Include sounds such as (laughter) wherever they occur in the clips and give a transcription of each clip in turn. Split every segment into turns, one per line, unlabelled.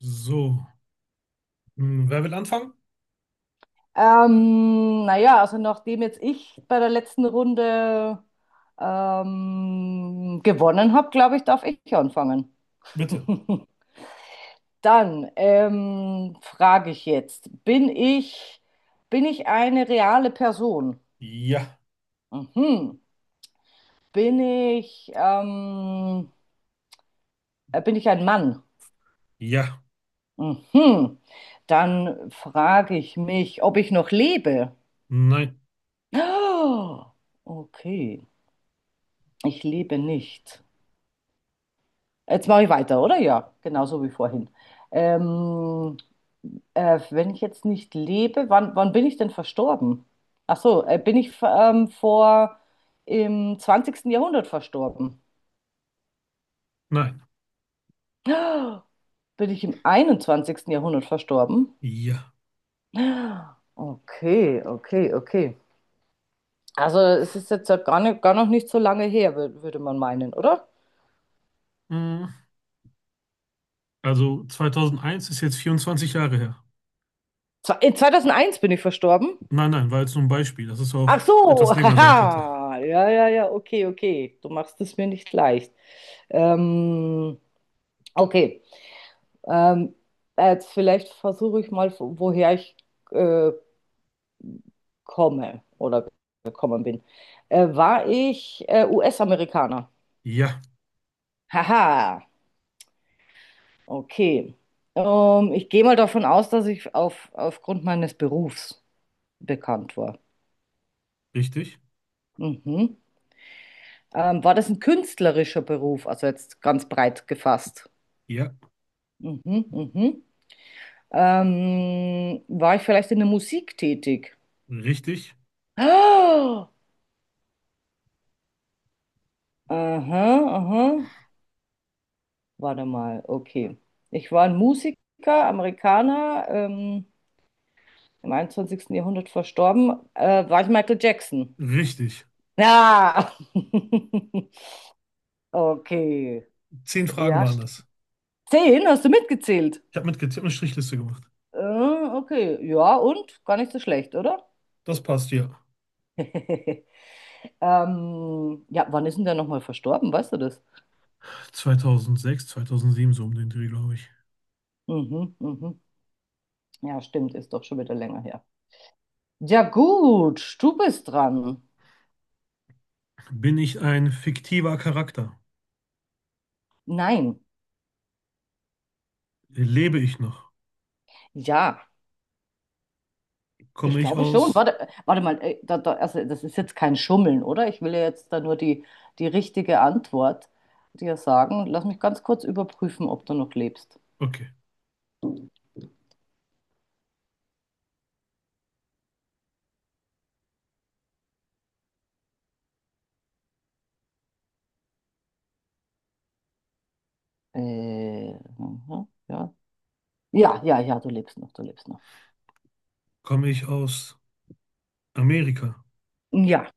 So, hm, wer will anfangen?
Naja, also nachdem jetzt ich bei der letzten Runde gewonnen habe, glaube ich, darf ich anfangen.
Bitte.
(laughs) Dann frage ich jetzt, bin ich eine reale Person?
Ja,
Mhm. Bin ich, ähm, Bin ich ein Mann?
ja,
Mhm. Dann frage ich mich, ob ich noch lebe.
nein,
(gasps) Oh, okay, ich lebe nicht. Jetzt mache ich weiter, oder? Ja, genauso wie vorhin. Ähm, Wenn ich jetzt nicht lebe, wann bin ich denn verstorben? Ach so, bin ich vor im 20. Jahrhundert verstorben?
nein,
Bin ich im 21. Jahrhundert verstorben?
ja.
Okay, okay, okay. Also es ist jetzt ja gar noch nicht so lange her, würde man meinen, oder?
Hm, also 2001 ist jetzt 24 Jahre her.
In 2001 bin ich verstorben.
Nein, nein, war jetzt nur ein Beispiel, dass es auch
Ach so,
etwas
(laughs)
länger sein könnte.
haha. Ja, ja, ja, okay, okay. Du machst es mir nicht leicht. Ähm, okay. Ähm, Jetzt vielleicht versuche ich mal, woher ich äh, komme oder gekommen bin. War ich US-Amerikaner?
Ja,
Haha, okay. Ich gehe mal davon aus, dass ich aufgrund meines Berufs bekannt war.
richtig,
Mhm. War das ein künstlerischer Beruf, also jetzt ganz breit gefasst?
ja,
Mhm, mhm. War ich vielleicht in der Musik tätig?
richtig,
(gasps) Ah, aha, aha. Warte mal, okay. Ich war ein Musiker, Amerikaner, im 21. Jahrhundert verstorben. War ich Michael Jackson?
richtig.
Ja. (laughs) Okay.
Zehn Fragen
Ja,
waren das.
10, hast du mitgezählt?
Ich habe mit getippt eine Strichliste gemacht.
Okay, ja, und? Gar nicht so schlecht, oder?
Das passt, ja.
(laughs) Ja, wann ist denn der nochmal verstorben? Weißt du das?
2006, 2007, so um den Dreh, glaube ich.
Mhm, mhm. Ja, stimmt, ist doch schon wieder länger her. Ja, gut, du bist dran.
Bin ich ein fiktiver Charakter?
Nein,
Lebe ich noch?
ja,
Komme
ich
ich
glaube schon.
aus,
Warte mal, da, also das ist jetzt kein Schummeln, oder? Ich will ja jetzt da nur die richtige Antwort dir sagen. Lass mich ganz kurz überprüfen, ob du noch lebst.
okay,
Äh, aha, ja. Ja, ja, ja, du lebst noch, du lebst noch.
komme ich aus Amerika?
Ja,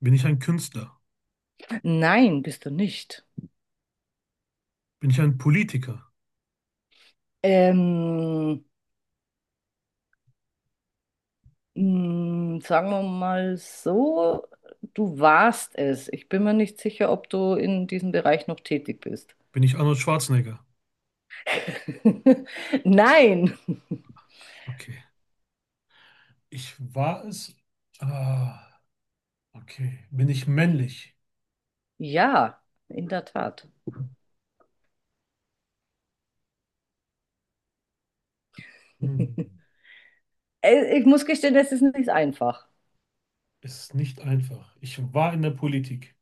Bin ich ein Künstler?
nein, bist du nicht.
Bin ich ein Politiker?
Ähm. Sagen wir mal so, du warst es. Ich bin mir nicht sicher, ob du in diesem Bereich noch tätig bist.
Bin ich Arnold Schwarzenegger?
(laughs) Nein.
Okay. Ich war es. Ah, okay. Bin ich männlich?
Ja, in der Tat.
Hm.
(laughs) Ich muss gestehen, das ist nicht einfach.
Ist nicht einfach. Ich war in der Politik.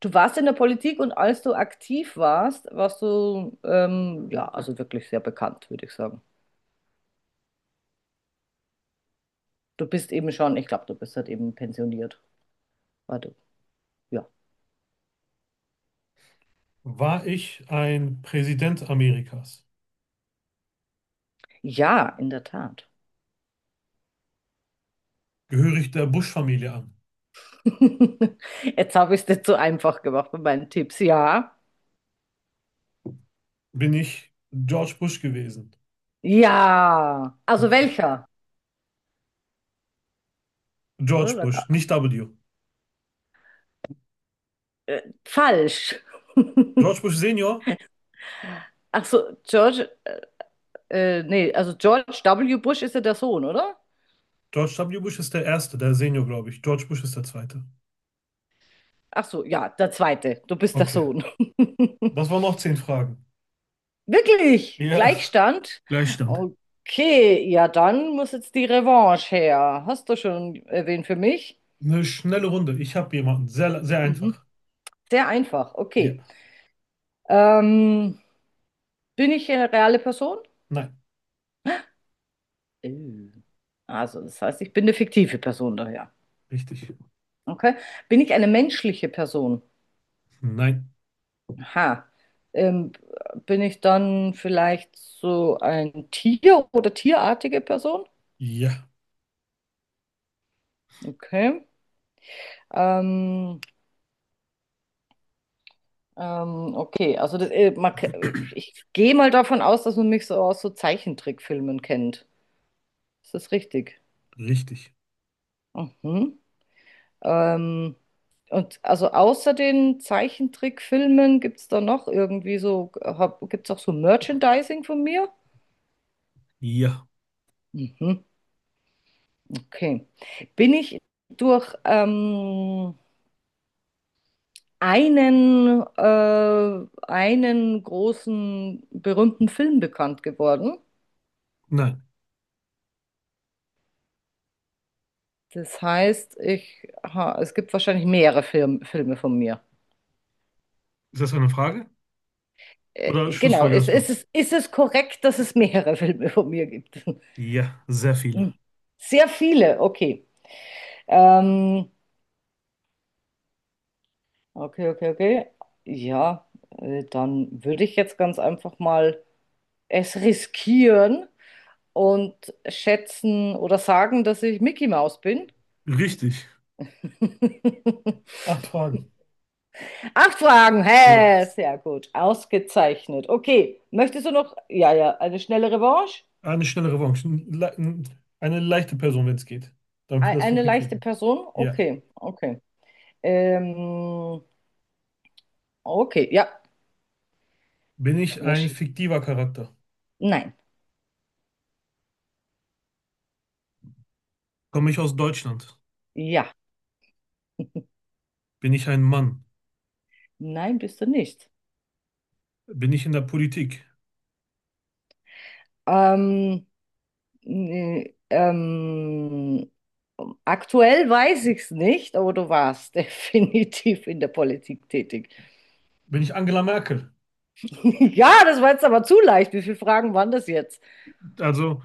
Du warst in der Politik und als du aktiv warst, warst du, ja, also wirklich sehr bekannt, würde ich sagen. Du bist eben schon, ich glaube, du bist halt eben pensioniert. Warte, ja.
War ich ein Präsident Amerikas?
Ja, in der Tat.
Gehöre ich der Bush-Familie an?
(laughs) Jetzt habe ich es dir zu einfach gemacht mit meinen Tipps. Ja.
Bin ich George Bush gewesen?
Ja. Also
Okay.
welcher? Oder?
George Bush, nicht W.
Falsch.
George
(laughs)
Bush Senior?
Ach so, nee, also George W. Bush ist ja der Sohn, oder?
George W. Bush ist der Erste, der Senior, glaube ich. George Bush ist der Zweite.
Ach so, ja, der zweite. Du bist der
Okay.
Sohn. (laughs)
Das waren noch 10 Fragen.
Wirklich?
Ja.
Gleichstand?
Gleichstand.
Okay, ja, dann muss jetzt die Revanche her. Hast du schon erwähnt für mich?
Eine schnelle Runde. Ich habe jemanden. Sehr, sehr
Mhm.
einfach.
Sehr einfach, okay.
Ja.
Ähm, Bin ich eine reale Person?
Nein.
Äh. Also, das heißt, ich bin eine fiktive Person daher.
Richtig.
Okay. Bin ich eine menschliche Person?
Nein.
Aha. Ähm, Bin ich dann vielleicht so ein Tier oder tierartige Person?
Ja.
Okay. Ähm, okay, also ich gehe mal davon aus, dass man mich so aus so Zeichentrickfilmen kennt. Ist das richtig?
Richtig.
Mhm. Ähm, und also außer den Zeichentrickfilmen gibt es auch so Merchandising von mir?
Ja.
Mhm, okay. Bin ich durch einen großen berühmten Film bekannt geworden?
Nein.
Das heißt, es gibt wahrscheinlich mehrere Filme von mir.
Ist das eine Frage? Oder
Genau,
schlussfolgerst du?
ist es korrekt, dass es mehrere Filme von mir gibt? (laughs)
Ja, sehr viele.
Hm. Sehr viele, okay. Ähm, okay, okay, okay. Ja, dann würde ich jetzt ganz einfach mal es riskieren und schätzen oder sagen, dass ich Mickey Mouse bin.
Richtig.
(laughs)
Acht Fragen.
Acht Fragen,
Ja.
hä, sehr gut, ausgezeichnet. Okay, möchtest du noch, ja, ja, eine schnelle Revanche?
Ah, eine schnelle Revanche. Eine leichte Person, wenn es geht. Damit wir das noch
Eine leichte
hinkriegen.
Person?
Ja.
Okay, okay. Ähm, okay, ja.
Bin ich
Wer
ein
schießt?
fiktiver Charakter?
Nein,
Komme ich aus Deutschland?
ja,
Bin ich ein Mann?
nein, bist du nicht.
Bin ich in der Politik?
Ähm, Nee, aktuell weiß ich es nicht, aber du warst (laughs) definitiv in der Politik tätig.
Bin ich Angela Merkel?
(laughs) Ja, das war jetzt aber zu leicht. Wie viele Fragen waren das jetzt?
Also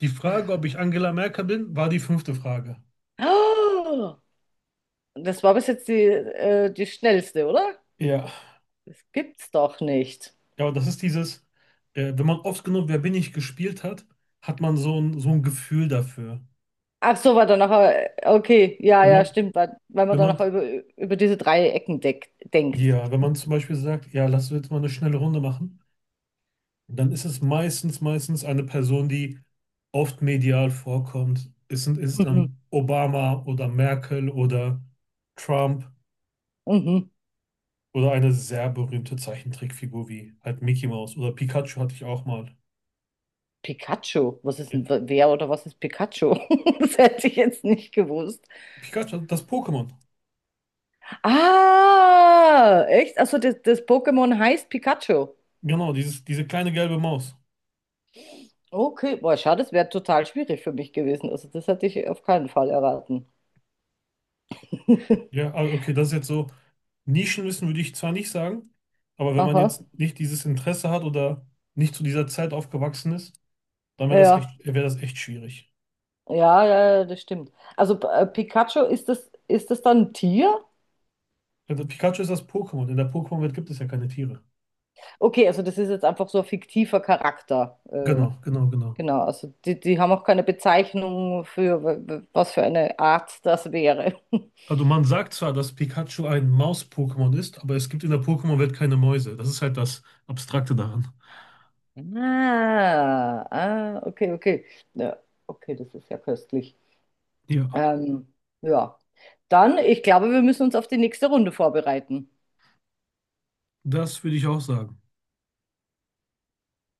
die Frage, ob ich Angela Merkel bin, war die fünfte Frage.
Oh, das war bis jetzt die schnellste, oder?
Ja.
Das gibt's doch nicht.
Ja, und das ist dieses, wenn man oft genug Wer bin ich gespielt hat, hat man so ein Gefühl dafür.
Ach so, okay, ja,
Wenn
ja,
man,
stimmt, weil man
wenn
da
man,
noch über diese drei Ecken denkt.
ja, wenn man zum Beispiel sagt, ja, lass uns jetzt mal eine schnelle Runde machen. Dann ist es meistens eine Person, die oft medial vorkommt. Ist
Mhm,
dann Obama oder Merkel oder Trump
mhm.
oder eine sehr berühmte Zeichentrickfigur wie halt Mickey Mouse oder Pikachu hatte ich auch mal.
Pikachu,
Ja.
wer oder was ist Pikachu? (laughs) Das hätte ich jetzt nicht gewusst.
Pikachu, das Pokémon.
Ah, echt? Also das Pokémon heißt Pikachu.
Genau, dieses, diese kleine gelbe Maus.
Okay, boah, schade, das wäre total schwierig für mich gewesen. Also das hätte ich auf keinen Fall erraten. (laughs)
Ja, also okay, das ist jetzt so. Nischenwissen würde ich zwar nicht sagen, aber wenn man
Aha,
jetzt nicht dieses Interesse hat oder nicht zu dieser Zeit aufgewachsen ist, dann
ja,
wäre das echt schwierig.
ja, ja, ja, das stimmt. Also Pikachu, ist das dann ein Tier?
Ja, das Pikachu ist das Pokémon. In der Pokémon-Welt gibt es ja keine Tiere.
Okay, also das ist jetzt einfach so ein fiktiver Charakter.
Genau, genau, genau.
Genau, also die haben auch keine Bezeichnung für was für eine Art das wäre. (laughs)
Also man sagt zwar, dass Pikachu ein Maus-Pokémon ist, aber es gibt in der Pokémon-Welt keine Mäuse. Das ist halt das Abstrakte daran.
Ah, ah, okay, okay. Ja, okay, das ist ja köstlich.
Ja,
Ähm, ja, dann, ich glaube, wir müssen uns auf die nächste Runde vorbereiten.
das würde ich auch sagen.